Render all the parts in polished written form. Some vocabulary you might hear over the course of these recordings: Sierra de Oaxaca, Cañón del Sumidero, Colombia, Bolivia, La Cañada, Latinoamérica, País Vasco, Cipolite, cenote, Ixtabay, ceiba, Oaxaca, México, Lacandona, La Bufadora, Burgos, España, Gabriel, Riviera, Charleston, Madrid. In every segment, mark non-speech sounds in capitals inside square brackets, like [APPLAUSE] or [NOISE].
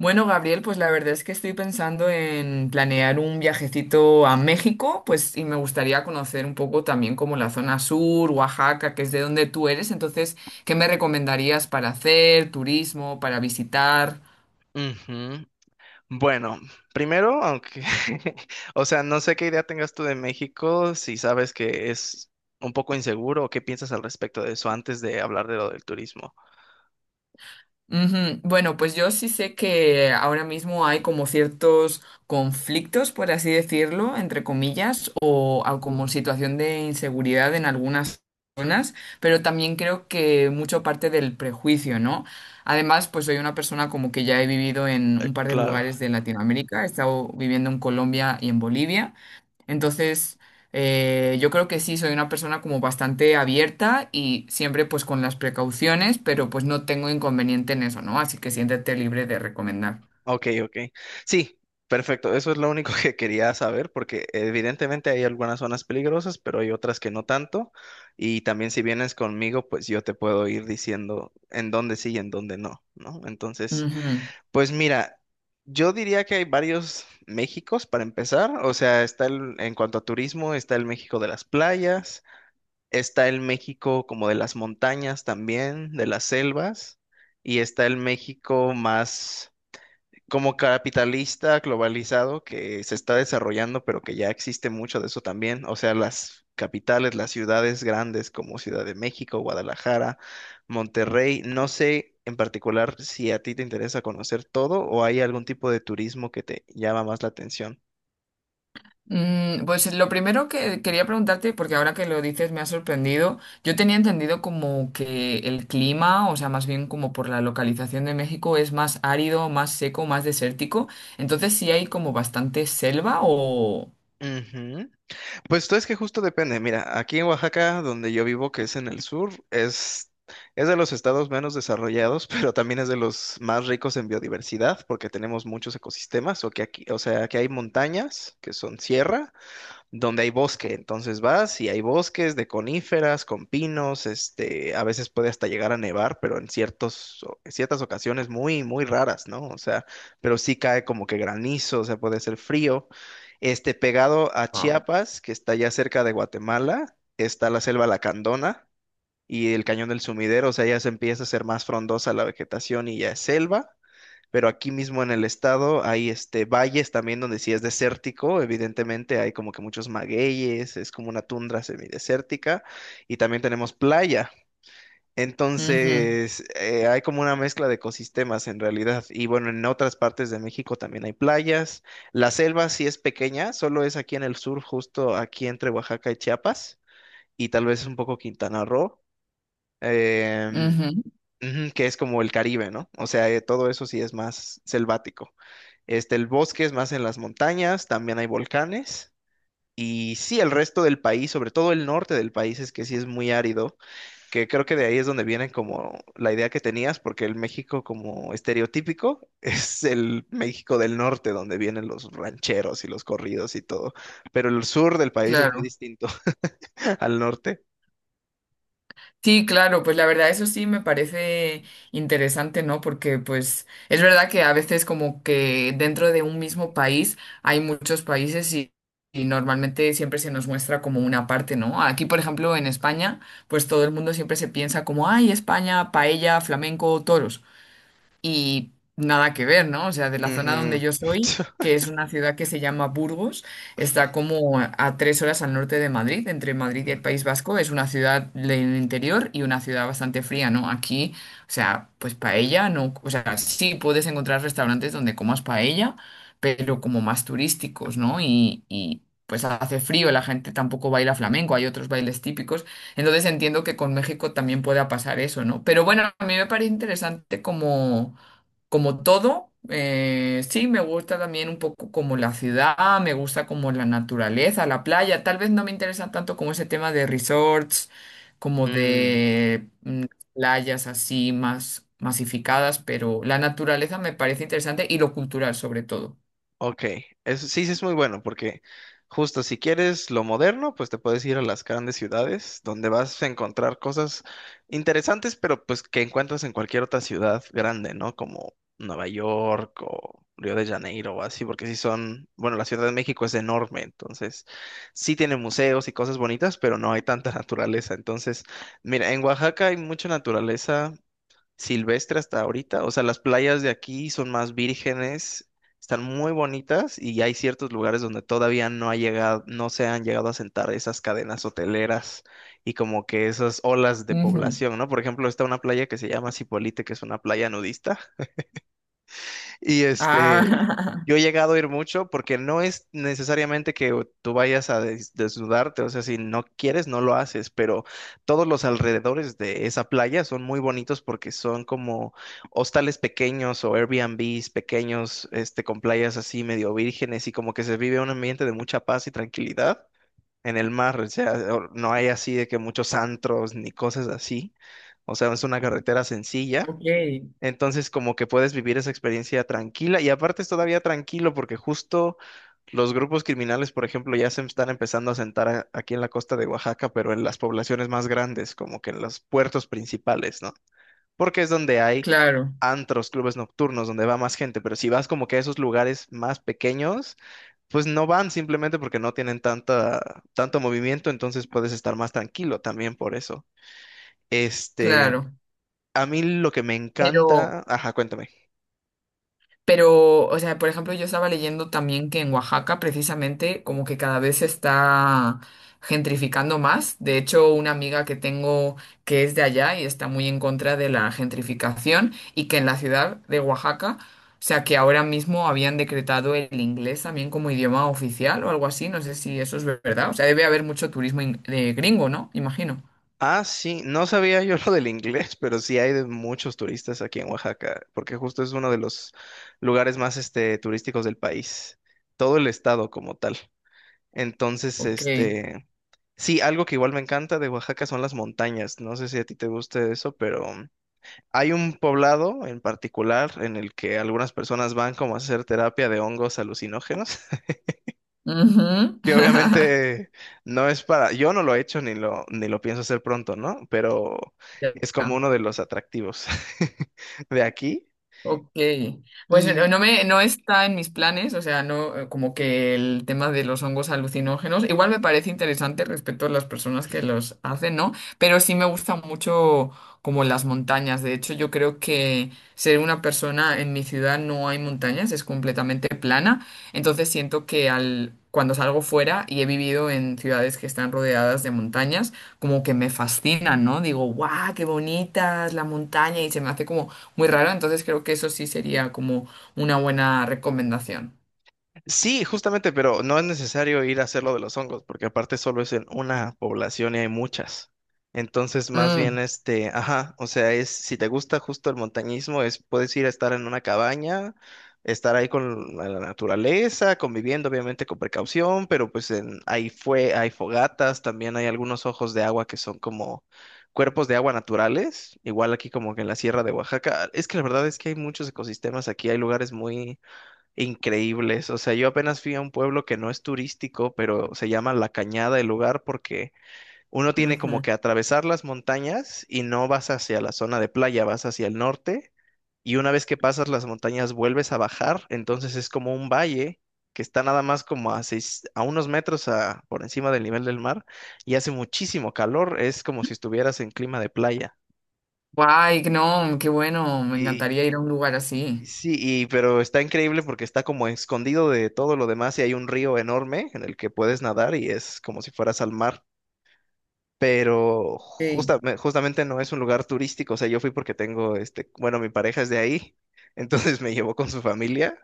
Bueno, Gabriel, pues la verdad es que estoy pensando en planear un viajecito a México, pues y me gustaría conocer un poco también como la zona sur, Oaxaca, que es de donde tú eres. Entonces, ¿qué me recomendarías para hacer, turismo, para visitar? Ujú. Bueno, primero, aunque, [LAUGHS] o sea, no sé qué idea tengas tú de México, si sabes que es un poco inseguro o qué piensas al respecto de eso antes de hablar de lo del turismo. Ujú. Bueno, pues yo sí sé que ahora mismo hay como ciertos conflictos, por así decirlo, entre comillas, o, como situación de inseguridad en algunas zonas, pero también creo que mucho parte del prejuicio, ¿no? Además, pues soy una persona como que ya he vivido en un par de Claro, lugares de Latinoamérica, he estado viviendo en Colombia y en Bolivia. Entonces, yo creo que sí, soy una persona como bastante abierta y siempre pues con las precauciones, pero pues no tengo inconveniente en eso, ¿no? Así que siéntete libre de recomendar. ok, ok. Sí, perfecto, eso es lo único [LAUGHS] que quería saber porque evidentemente hay algunas zonas peligrosas, pero hay otras que no tanto. Y también si vienes conmigo, pues yo te puedo ir diciendo en dónde sí y en dónde no, ¿no? Entonces... Ujú. Pues mira, yo diría que hay varios Méxicos para empezar. O sea, está el, en cuanto a turismo, está el México de las playas, está el México como de las montañas también, de las selvas, y está el México más como capitalista globalizado que se está desarrollando, pero que ya existe mucho de eso también. O sea, las capitales, las ciudades grandes como Ciudad de México, Guadalajara, Monterrey. No sé en particular si a ti te interesa conocer todo o hay algún tipo de turismo que te llama más la atención. Pues lo primero que quería preguntarte, porque ahora que lo dices me ha sorprendido, yo tenía entendido como que el clima, o sea, más bien como por la localización de México, es más árido, más seco, más desértico. Entonces, ¿sí hay como bastante selva o...? Ujú. Pues tú es que justo depende. Mira, aquí en Oaxaca, donde yo vivo, que es en el sur, es de los estados menos desarrollados, [LAUGHS] pero también es de los más ricos en biodiversidad, porque tenemos muchos ecosistemas, o que aquí, o sea, que hay montañas, que son sierra, donde hay bosque. Entonces vas y hay bosques de coníferas, con pinos, este, a veces puede hasta llegar a nevar, pero en ciertos, en ciertas ocasiones muy, muy raras, ¿no? O sea, pero sí cae como que granizo, o sea, puede ser frío. Este, pegado a Wow. Chiapas, que está ya cerca de Guatemala, está la selva Lacandona y el Cañón del Sumidero, o sea, ya se empieza a ser más frondosa la vegetación y ya es selva, pero aquí mismo en el estado hay este valles también donde sí es desértico, evidentemente hay como que muchos magueyes, es como una tundra semidesértica y también tenemos playa. Ujú, Entonces, hay como una mezcla de ecosistemas en realidad. Y bueno, en otras partes de México también hay playas. La selva sí es pequeña, solo es aquí en el sur, justo aquí entre Oaxaca y Chiapas, y tal vez un poco Quintana Roo. Em, ujú, Ujú, que es como el Caribe, ¿no? O sea, todo eso sí es más selvático. Este, el bosque es más en las montañas, también hay volcanes. Y sí, el resto del país, sobre todo el norte del país, es que sí es muy árido, que creo que de ahí es donde viene como la idea que tenías, porque el México como estereotípico [LAUGHS] es el México del norte, donde vienen los rancheros y los corridos y todo, pero el sur del país es muy claro. distinto [LAUGHS] al norte. Sí, claro, pues la verdad eso sí me parece interesante, ¿no? Porque pues es verdad que a veces como que dentro de un mismo país hay muchos países y normalmente siempre se nos muestra como una parte, ¿no? Aquí, por ejemplo, en España, pues todo el mundo siempre se piensa como, ay, España, paella, flamenco, toros y nada que ver, ¿no? O sea, de la zona Ujú. donde yo soy, que [LAUGHS] es una ciudad que se llama Burgos, está como a 3 horas al norte de Madrid, entre Madrid y el País Vasco, es una ciudad del interior y una ciudad bastante fría, ¿no? Aquí, o sea, pues paella, no, o sea, sí puedes encontrar restaurantes donde comas paella, pero como más turísticos, ¿no? Y pues hace frío, la gente tampoco baila flamenco, hay otros bailes típicos. Entonces entiendo que con México también pueda pasar eso, ¿no? Pero bueno, a mí me parece interesante como, como todo, sí, me gusta también un poco como la ciudad, me gusta como la naturaleza, la playa. Tal vez no me interesa tanto como ese tema de resorts, como Mm. de playas así más masificadas, pero la naturaleza me parece interesante y lo cultural sobre todo. Ok, eso sí, sí es muy bueno porque justo si quieres lo moderno, pues te puedes ir a las grandes ciudades donde vas a encontrar cosas interesantes, pero pues que encuentras en cualquier otra ciudad grande, ¿no? Como Nueva York o Río de Janeiro o así, porque sí son, bueno, la Ciudad de México es enorme, entonces sí tiene museos y cosas bonitas, pero no hay tanta [LAUGHS] naturaleza. Entonces, mira, en Oaxaca hay mucha naturaleza silvestre hasta ahorita. O sea, las playas de aquí son más vírgenes, están muy bonitas y hay ciertos lugares donde todavía no ha llegado, no se han llegado a sentar esas cadenas hoteleras y como que esas olas de Ujú. población, ¿no? Por ejemplo, está una playa que se llama Cipolite, que es una playa nudista. Y este, Ah, yo he llegado a ir mucho porque no es necesariamente que tú vayas a desnudarte, o sea, si no quieres, no lo haces, pero todos los alrededores de esa playa son muy bonitos porque son como hostales pequeños o Airbnbs pequeños, este, con playas así medio vírgenes y como que se vive un ambiente de mucha paz y tranquilidad en el mar, o sea, no hay así de que muchos antros ni cosas así, o sea, es una carretera [LAUGHS] sencilla. ok, Entonces, como que puedes vivir esa experiencia tranquila y aparte es todavía tranquilo porque justo los grupos criminales, por ejemplo, ya se están empezando a sentar aquí en la costa de Oaxaca, pero en las poblaciones más grandes, como que en los puertos principales, ¿no? Porque es donde hay claro, antros, clubes nocturnos, donde va más gente, pero si vas como que a esos lugares más pequeños, pues no van simplemente porque no tienen tanta, tanto movimiento, entonces puedes estar más tranquilo también por eso. Este, claro. a mí lo que me Pero encanta, ajá, cuéntame. Pero, o sea, por ejemplo, yo estaba leyendo también que en Oaxaca precisamente como que cada vez se está gentrificando más. De hecho, una amiga que tengo que es de allá y está muy en contra de la gentrificación y que en la ciudad de Oaxaca, o sea, que ahora mismo habían decretado el inglés también como idioma oficial o algo así. No sé si eso es verdad. O sea, debe haber mucho turismo de gringo, ¿no? Imagino. Ah, sí, no sabía yo lo del inglés, pero sí hay de muchos turistas aquí en Oaxaca, porque justo es uno de los lugares más este, turísticos del país, todo el estado como tal. Entonces, Ok. este, sí, algo que igual me encanta de Oaxaca son las montañas. No sé si a ti te guste eso, pero hay un poblado en particular en el que algunas personas van como a hacer terapia de hongos alucinógenos Ujú. que [LAUGHS] obviamente no es para, yo no lo he hecho ni lo, ni lo pienso hacer pronto, ¿no? Pero es como Ya. uno de los atractivos [LAUGHS] de aquí. Ok, pues no me, no está en mis planes, o sea, no, como que el tema de los hongos alucinógenos, igual me parece interesante respecto a las personas que los hacen, ¿no? Pero sí me gusta mucho como las montañas, de hecho yo creo que ser una persona en mi ciudad no hay montañas, es completamente plana, entonces siento que al, cuando salgo fuera y he vivido en ciudades que están rodeadas de montañas, como que me fascinan, ¿no? Digo, guau, qué bonitas la montaña y se me hace como muy raro, entonces creo que eso sí sería como una buena recomendación. Sí, justamente, pero no es necesario ir a hacer lo de los hongos, porque aparte solo es en una población y hay muchas. Entonces, más Mm, bien, este, ajá, o sea, es, si te gusta justo el montañismo, es, puedes ir a estar en una cabaña, estar ahí con la naturaleza, conviviendo, obviamente, con precaución, pero pues en, ahí fue, hay fogatas, también hay algunos ojos de agua que son como cuerpos de agua naturales, igual aquí como que en la Sierra de Oaxaca. Es que la verdad es que hay muchos ecosistemas aquí, hay lugares muy increíbles. O sea, yo apenas fui a un pueblo que no es turístico, pero se llama La Cañada el lugar porque uno tiene como ujú. que atravesar las montañas y no vas hacia la zona de playa, vas hacia el norte y una vez que pasas las montañas vuelves a bajar, entonces es como un valle que está nada más como a seis, a unos metros por encima del nivel del mar y hace muchísimo calor, es como si estuvieras en clima de playa. Guay, no, qué bueno, me encantaría ir a un lugar así. Sí, y, pero está increíble porque está como escondido de todo lo demás y hay un río enorme en el que puedes nadar y es como si fueras al mar, pero Sí. Justamente no es un lugar turístico, o sea, yo fui porque tengo, este, bueno, mi pareja es de ahí, [LAUGHS] entonces me llevó con su familia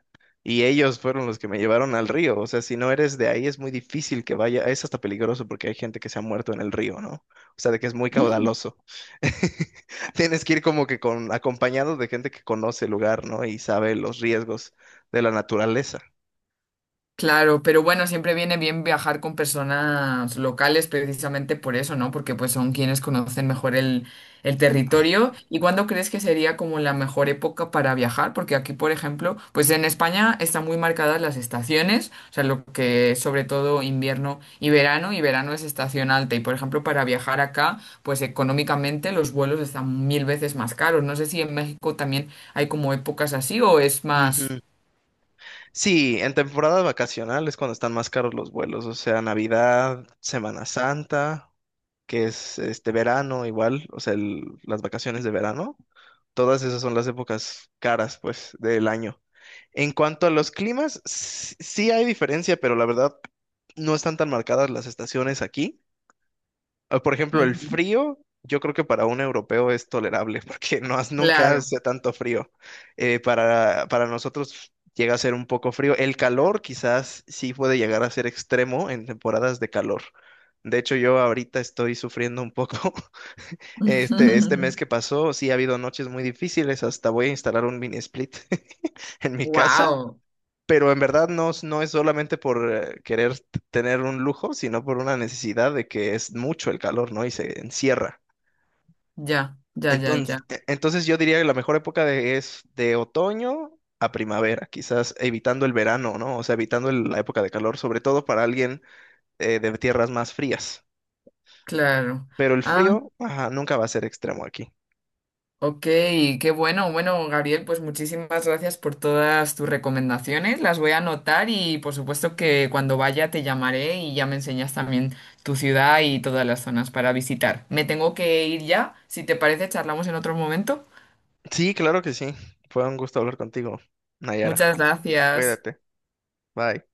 y ellos fueron los que me llevaron al río, o sea, si no eres de ahí es muy difícil que vaya, es hasta peligroso porque hay gente que se ha muerto en el río, ¿no? O sea, de que es muy Mm. caudaloso. [LAUGHS] Tienes que ir como que con, acompañado de gente que conoce el lugar, ¿no? Y sabe los riesgos de la naturaleza. Claro, pero bueno, siempre viene bien viajar con personas locales precisamente por eso, ¿no? Porque pues son quienes conocen mejor el territorio. ¿Y cuándo crees que sería como la mejor época para viajar? Porque aquí, por ejemplo, pues en España están muy marcadas las estaciones, o sea, lo que es sobre todo invierno y verano es estación alta. Y por ejemplo, para viajar acá, pues económicamente los vuelos están mil veces más caros. No sé si en México también hay como épocas así o es más... Sí, en temporada vacacional es cuando están más caros los vuelos, o sea, Navidad, Semana Santa, que es este verano igual, o sea, las vacaciones de verano, todas esas son las épocas caras, pues, del año. En cuanto a los climas, sí hay diferencia, pero la verdad no están tan marcadas las estaciones aquí. Ah, por ejemplo, el Ujú, frío, yo creo que para un europeo es tolerable, [LAUGHS] porque no, nunca claro. hace tanto frío. Para para nosotros llega a ser un poco frío. El calor quizás sí puede llegar a ser extremo en temporadas de calor. De hecho, yo ahorita estoy sufriendo un poco. [LAUGHS] Este [LAUGHS] mes que pasó, sí ha habido noches muy difíciles. Hasta voy a instalar un mini split [LAUGHS] en mi casa, Wow, pero en verdad no, no es solamente por querer tener un lujo, sino por una necesidad de que es mucho el calor, ¿no? Y se encierra. ya, ya, ya, Entonces, ya, entonces yo diría que la mejor época de, es de otoño a primavera, quizás evitando el verano, ¿no? O sea, evitando la época de calor, sobre todo para alguien de tierras más frías. claro. Pero el Ah, frío, ajá, nunca va a ser extremo aquí. ok, qué bueno. Bueno, Gabriel, pues muchísimas gracias por todas tus recomendaciones. Las voy a anotar y por supuesto que cuando vaya te llamaré y ya me enseñas también tu ciudad y todas las zonas para visitar. Me tengo que ir ya. Si te parece, charlamos en otro momento. Sí, claro que sí. Fue un gusto hablar contigo, Nayara. Muchas gracias. Cuídate. Bye.